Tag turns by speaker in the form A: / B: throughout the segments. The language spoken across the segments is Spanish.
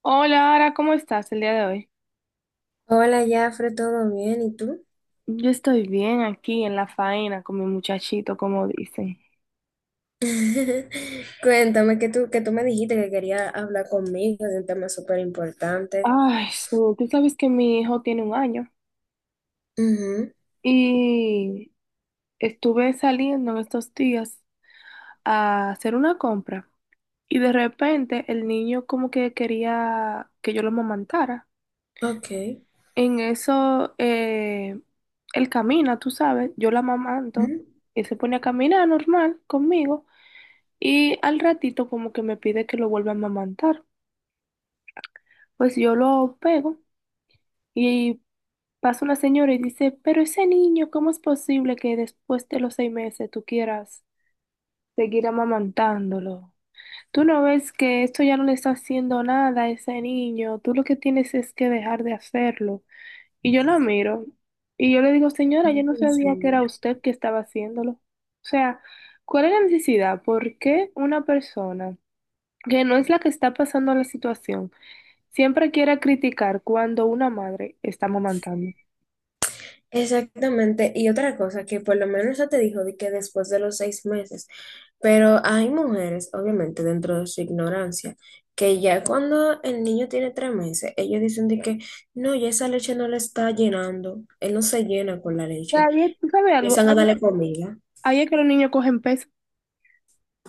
A: Hola, Ara, ¿cómo estás el día de hoy?
B: Hola, Jafre, ¿todo bien? ¿Y tú?
A: Yo estoy bien aquí en la faena con mi muchachito, como dicen.
B: Cuéntame que tú me dijiste que querías hablar conmigo de un tema súper importante.
A: Ay, sí, tú sabes que mi hijo tiene un año
B: Ujú.
A: y estuve saliendo en estos días a hacer una compra y de repente el niño como que quería que yo lo amamantara.
B: Ok.
A: En eso, él camina, tú sabes, yo lo amamanto
B: Ujú.
A: y se pone a caminar normal conmigo y al ratito como que me pide que lo vuelva a amamantar. Pues yo lo pego y pasa una señora y dice, pero ese niño, ¿cómo es posible que después de los 6 meses tú quieras seguir amamantándolo? Tú no ves que esto ya no le está haciendo nada a ese niño, tú lo que tienes es que dejar de hacerlo. Y yo la miro y yo le digo, señora, yo no
B: Dios
A: sabía que
B: mío.
A: era usted que estaba haciéndolo. O sea, ¿cuál es la necesidad? ¿Por qué una persona que no es la que está pasando la situación? Siempre quiere criticar cuando una madre está amamantando.
B: Exactamente. Y otra cosa que por lo menos ya te dijo de que después de los 6 meses, pero hay mujeres, obviamente, dentro de su ignorancia, que ya cuando el niño tiene 3 meses, ellos dicen de que no, ya esa leche no le está llenando, él no se llena con la
A: O sea,
B: leche.
A: ahí es- ¿Tú sabes algo?
B: Empiezan a
A: Ahí
B: darle comida.
A: ahí es que los niños cogen peso.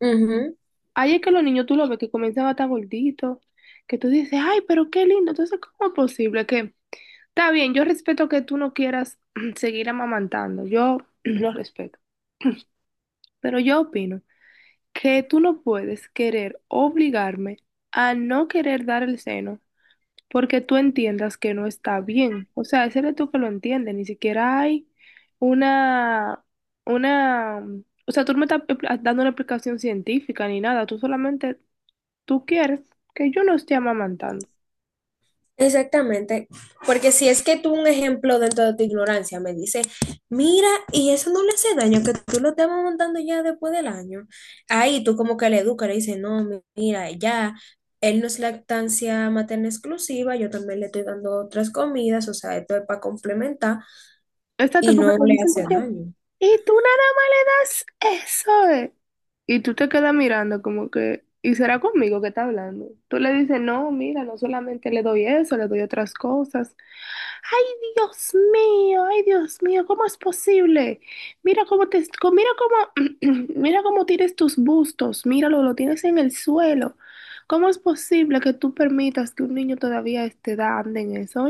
B: Ujú.
A: Ahí es que los niños tú lo ves que comienzan a estar gorditos, que tú dices, ay, pero qué lindo. Entonces, ¿cómo es posible que... Está bien, yo respeto que tú no quieras seguir amamantando, yo lo respeto, pero yo opino que tú no puedes querer obligarme a no querer dar el seno porque tú entiendas que no está bien. O sea, ese eres tú que lo entiende, ni siquiera hay una, una, o sea, tú no me estás dando una explicación científica ni nada, tú solamente, tú quieres que yo no esté amamantando.
B: Exactamente, porque si es que tú un ejemplo dentro de tu ignorancia me dice, mira, y eso no le hace daño, que tú lo estés montando ya después del año, ahí tú como que le educas, le dices, no, mira, ya, él no es lactancia materna exclusiva, yo también le estoy dando otras comidas, o sea, esto es para complementar
A: Exacto,
B: y
A: porque
B: no
A: te
B: le
A: dicen
B: hace daño.
A: y tú nada más le das eso, eh. Y tú te quedas mirando como que, ¿y será conmigo que está hablando? Tú le dices, no, mira, no solamente le doy eso, le doy otras cosas. Ay, ay, Dios mío, ¿cómo es posible? Mira cómo te, mira cómo, mira cómo tienes tus bustos, míralo, lo tienes en el suelo. ¿Cómo es posible que tú permitas que un niño todavía a esta edad ande en eso?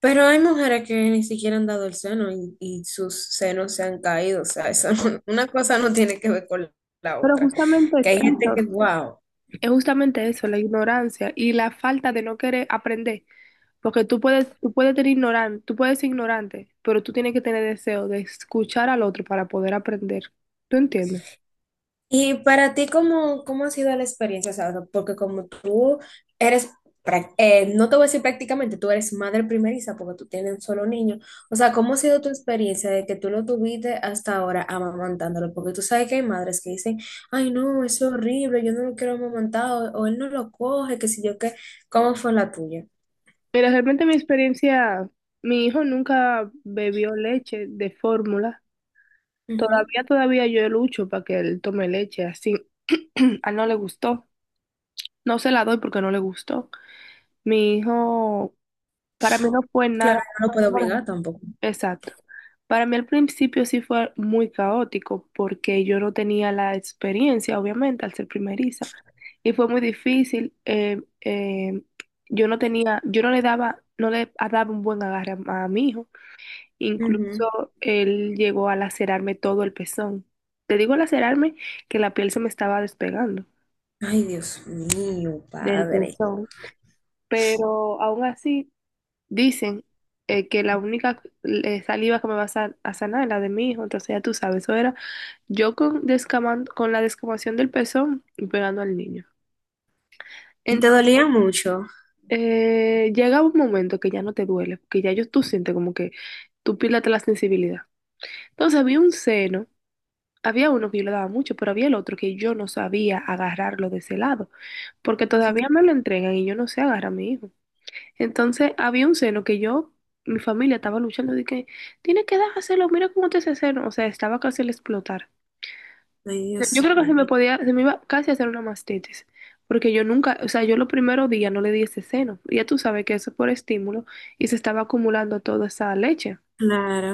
B: Pero hay mujeres que ni siquiera han dado el seno y sus senos se han caído, o sea, eso, una cosa no tiene que ver con la
A: Pero
B: otra,
A: justamente
B: que
A: es
B: hay gente
A: eso.
B: que, wow.
A: Es justamente eso, la ignorancia y la falta de no querer aprender, porque tú puedes tener ignorante, tú puedes ser ignorante, pero tú tienes que tener deseo de escuchar al otro para poder aprender. ¿Tú entiendes?
B: Y para ti, ¿cómo, cómo ha sido la experiencia? O sea, porque como tú eres, no te voy a decir prácticamente, tú eres madre primeriza porque tú tienes un solo niño. O sea, ¿cómo ha sido tu experiencia de que tú lo tuviste hasta ahora amamantándolo? Porque tú sabes que hay madres que dicen, ay, no, es horrible, yo no lo quiero amamantar, o él no lo coge, que si yo qué. ¿Cómo fue la tuya?
A: Mira, realmente mi experiencia, mi hijo nunca bebió leche de fórmula.
B: Ujú.
A: Todavía, todavía yo lucho para que él tome leche así. A él no le gustó. No se la doy porque no le gustó. Mi hijo, para mí no fue nada.
B: Claro, no lo puedo obligar tampoco.
A: Exacto. Para mí al principio sí fue muy caótico porque yo no tenía la experiencia, obviamente, al ser primeriza. Y fue muy difícil. Yo no le daba un buen agarre a mi hijo.
B: Ujú.
A: Incluso él llegó a lacerarme todo el pezón. Te digo lacerarme que la piel se me estaba despegando
B: Ay, Dios mío,
A: del
B: padre.
A: pezón. Pero aún así dicen que la única saliva que me va a sanar es la de mi hijo. Entonces ya tú sabes, eso era yo con, descaman- con la descamación del pezón y pegando al niño.
B: ¿Y te
A: Entonces,
B: dolía mucho?
A: llega un momento que ya no te duele, porque ya yo, tú sientes como que tú pierdes la sensibilidad. Entonces había un seno, había uno que yo le daba mucho, pero había el otro que yo no sabía agarrarlo de ese lado, porque
B: Ujú.
A: todavía me lo entregan y yo no sé agarrar a mi hijo. Entonces había un seno que yo, mi familia estaba luchando de que, tiene que dárselo, mira cómo te ese seno, o sea, estaba casi al explotar.
B: Ay,
A: Yo
B: Dios
A: creo que se me
B: mío.
A: podía, se me iba casi a hacer una mastitis, porque yo nunca, o sea, yo los primeros días no le di ese seno, ya tú sabes que eso es por estímulo y se estaba acumulando toda esa leche.
B: Claro.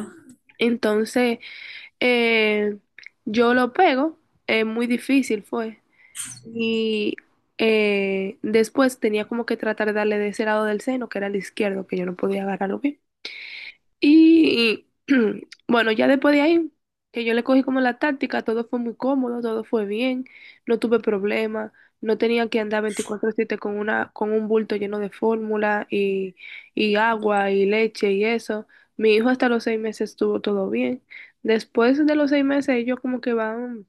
A: Entonces, eh, yo lo pego, muy difícil fue, y después tenía como que tratar de darle de ese lado del seno, que era el izquierdo, que yo no podía agarrarlo bien. Y bueno, ya después de ahí, que yo le cogí como la táctica, todo fue muy cómodo, todo fue bien, no tuve problemas, no tenía que andar 24/7 con una, con un bulto lleno de fórmula y agua y leche y eso. Mi hijo hasta los 6 meses estuvo todo bien. Después de los seis meses, ellos como que van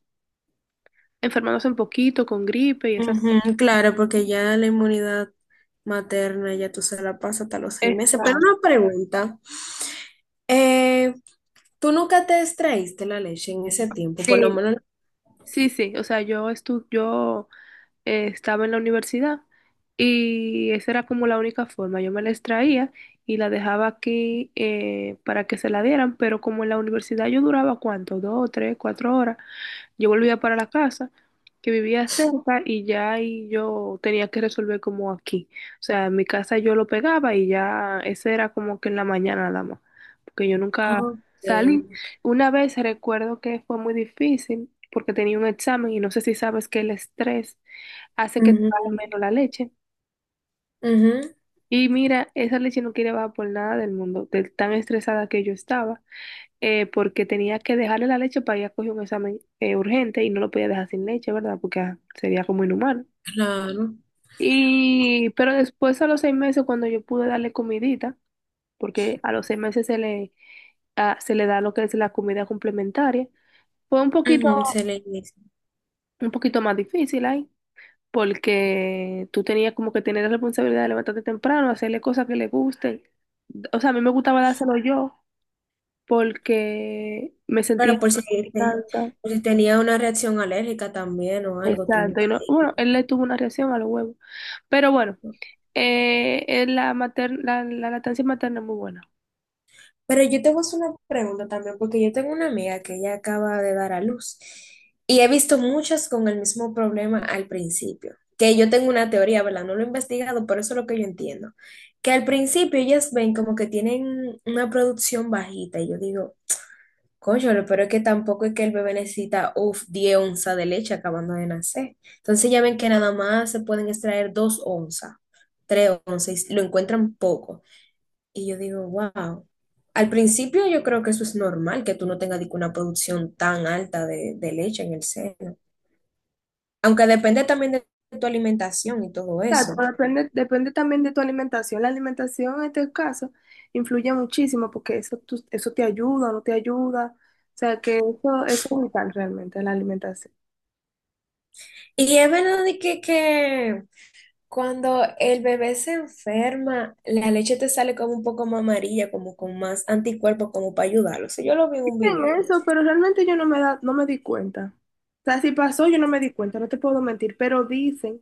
A: enfermándose un poquito con gripe y esas cosas.
B: Ujú, claro, porque ya la inmunidad materna ya tú se la pasas hasta los 6 meses. Pero
A: Esta-
B: una pregunta, eh, ¿tú nunca te extraíste la leche en ese tiempo? Por lo
A: Sí,
B: menos...
A: sí, sí. O sea, yo estuve, estaba en la universidad y esa era como la única forma. Yo me la extraía y la dejaba aquí para que se la dieran, pero como en la universidad yo duraba cuánto, dos, tres, cuatro horas, yo volvía para la casa, que vivía cerca y ya ahí yo tenía que resolver como aquí. O sea, en mi casa yo lo pegaba y ya ese era como que en la mañana nada más, porque yo nunca
B: Ok.
A: salí. Una vez recuerdo que fue muy difícil porque tenía un examen y no sé si sabes que el estrés hace que te
B: Ujú,
A: baje menos la leche.
B: ujú,
A: Y mira, esa leche no quería bajar por nada del mundo, de tan estresada que yo estaba porque tenía que dejarle la leche para ella coger un examen urgente y no lo podía dejar sin leche, ¿verdad? Porque sería como inhumano.
B: claro.
A: Y, pero después a los 6 meses, cuando yo pude darle comidita, porque a los 6 meses se le da lo que es la comida complementaria, fue
B: Ujú, se le dice.
A: un poquito más difícil ahí, porque tú tenías como que tener la responsabilidad de levantarte temprano, hacerle cosas que le gusten. O sea, a mí me gustaba dárselo yo, porque me sentía
B: Pero
A: en
B: por si, te-
A: confianza.
B: por si tenía una reacción alérgica también o algo, tú...
A: Exacto. Y
B: estás
A: no- bueno,
B: ahí.
A: él le tuvo una reacción a los huevos. Pero bueno, la lactancia materna es muy buena.
B: Pero yo te voy a hacer una pregunta también, porque yo tengo una amiga que ella acaba de dar a luz y he visto muchas con el mismo problema al principio, que yo tengo una teoría, ¿verdad? No lo he investigado, pero eso es lo que yo entiendo, que al principio ellas ven como que tienen una producción bajita y yo digo, coño, pero es que tampoco es que el bebé necesita, uff, 10 onzas de leche acabando de nacer. Entonces ya ven que nada más se pueden extraer 2 onzas, 3 onzas, y lo encuentran poco. Y yo digo, wow. Al principio yo creo que eso es normal, que tú no tengas dique, una producción tan alta de leche en el seno. Aunque depende también de tu alimentación y todo eso.
A: Exacto, depende, depende también de tu alimentación. La alimentación en este caso influye muchísimo porque eso, tú- eso te ayuda o no te ayuda. O sea que eso es vital realmente, la alimentación.
B: Y es verdad de que cuando el bebé se enferma, la leche te sale como un poco más amarilla, como con más anticuerpos, como para ayudarlo. O sea, yo lo vi en un
A: Dicen
B: video.
A: eso, pero realmente yo no me da, no me di cuenta. O sea, si pasó, yo no me di cuenta, no te puedo mentir, pero dicen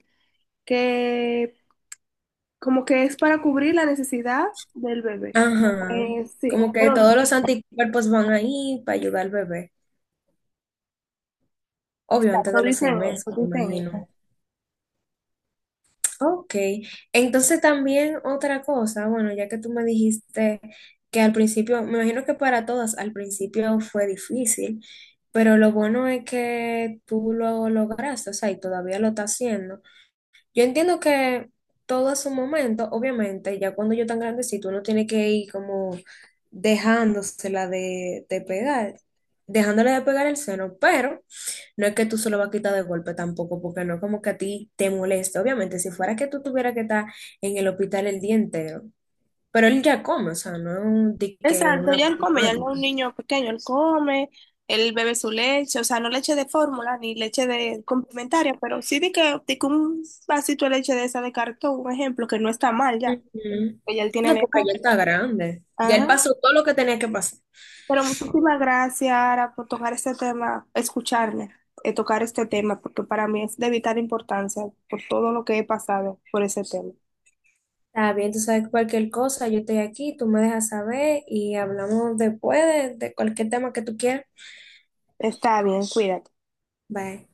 A: que como que es para cubrir la necesidad del bebé.
B: Ajá.
A: Sí,
B: Como que
A: pero
B: todos los anticuerpos van ahí para ayudar al bebé. Obvio, antes
A: exacto,
B: de los seis
A: dicen
B: meses,
A: eso,
B: me
A: dicen
B: imagino.
A: eso.
B: Ok, entonces también otra cosa, bueno, ya que tú me dijiste que al principio, me imagino que para todas al principio fue difícil, pero lo bueno es que tú lo lograste, o sea, y todavía lo estás haciendo. Yo entiendo que todo a su momento, obviamente, ya cuando yo tan grandecito, uno tiene que ir como dejándosela de pegar, dejándole de pegar el seno, pero... No es que tú solo vas a quitar de golpe tampoco, porque no es como que a ti te moleste. Obviamente, si fuera que tú tuvieras que estar en el hospital el día entero, pero él ya come, o sea, no es un, di que
A: Exacto,
B: una
A: ya él come, ya él no es un
B: problemática.
A: niño pequeño, él come, él bebe su leche, o sea, no leche de fórmula ni leche de complementaria, pero sí de que un vasito de leche de esa de cartón, un ejemplo, que no está mal ya,
B: Ujú.
A: que ya él tiene
B: No,
A: la
B: porque
A: edad.
B: ya está grande. Ya él
A: Ajá.
B: pasó todo lo que tenía que pasar.
A: Pero muchísimas gracias, Ara, por tocar este tema, escucharme, tocar este tema, porque para mí es de vital importancia por todo lo que he pasado por ese tema.
B: Está bien, tú sabes cualquier cosa, yo estoy aquí, tú me dejas saber y hablamos después de cualquier tema que tú quieras.
A: Está bien, cuídate.
B: Bye.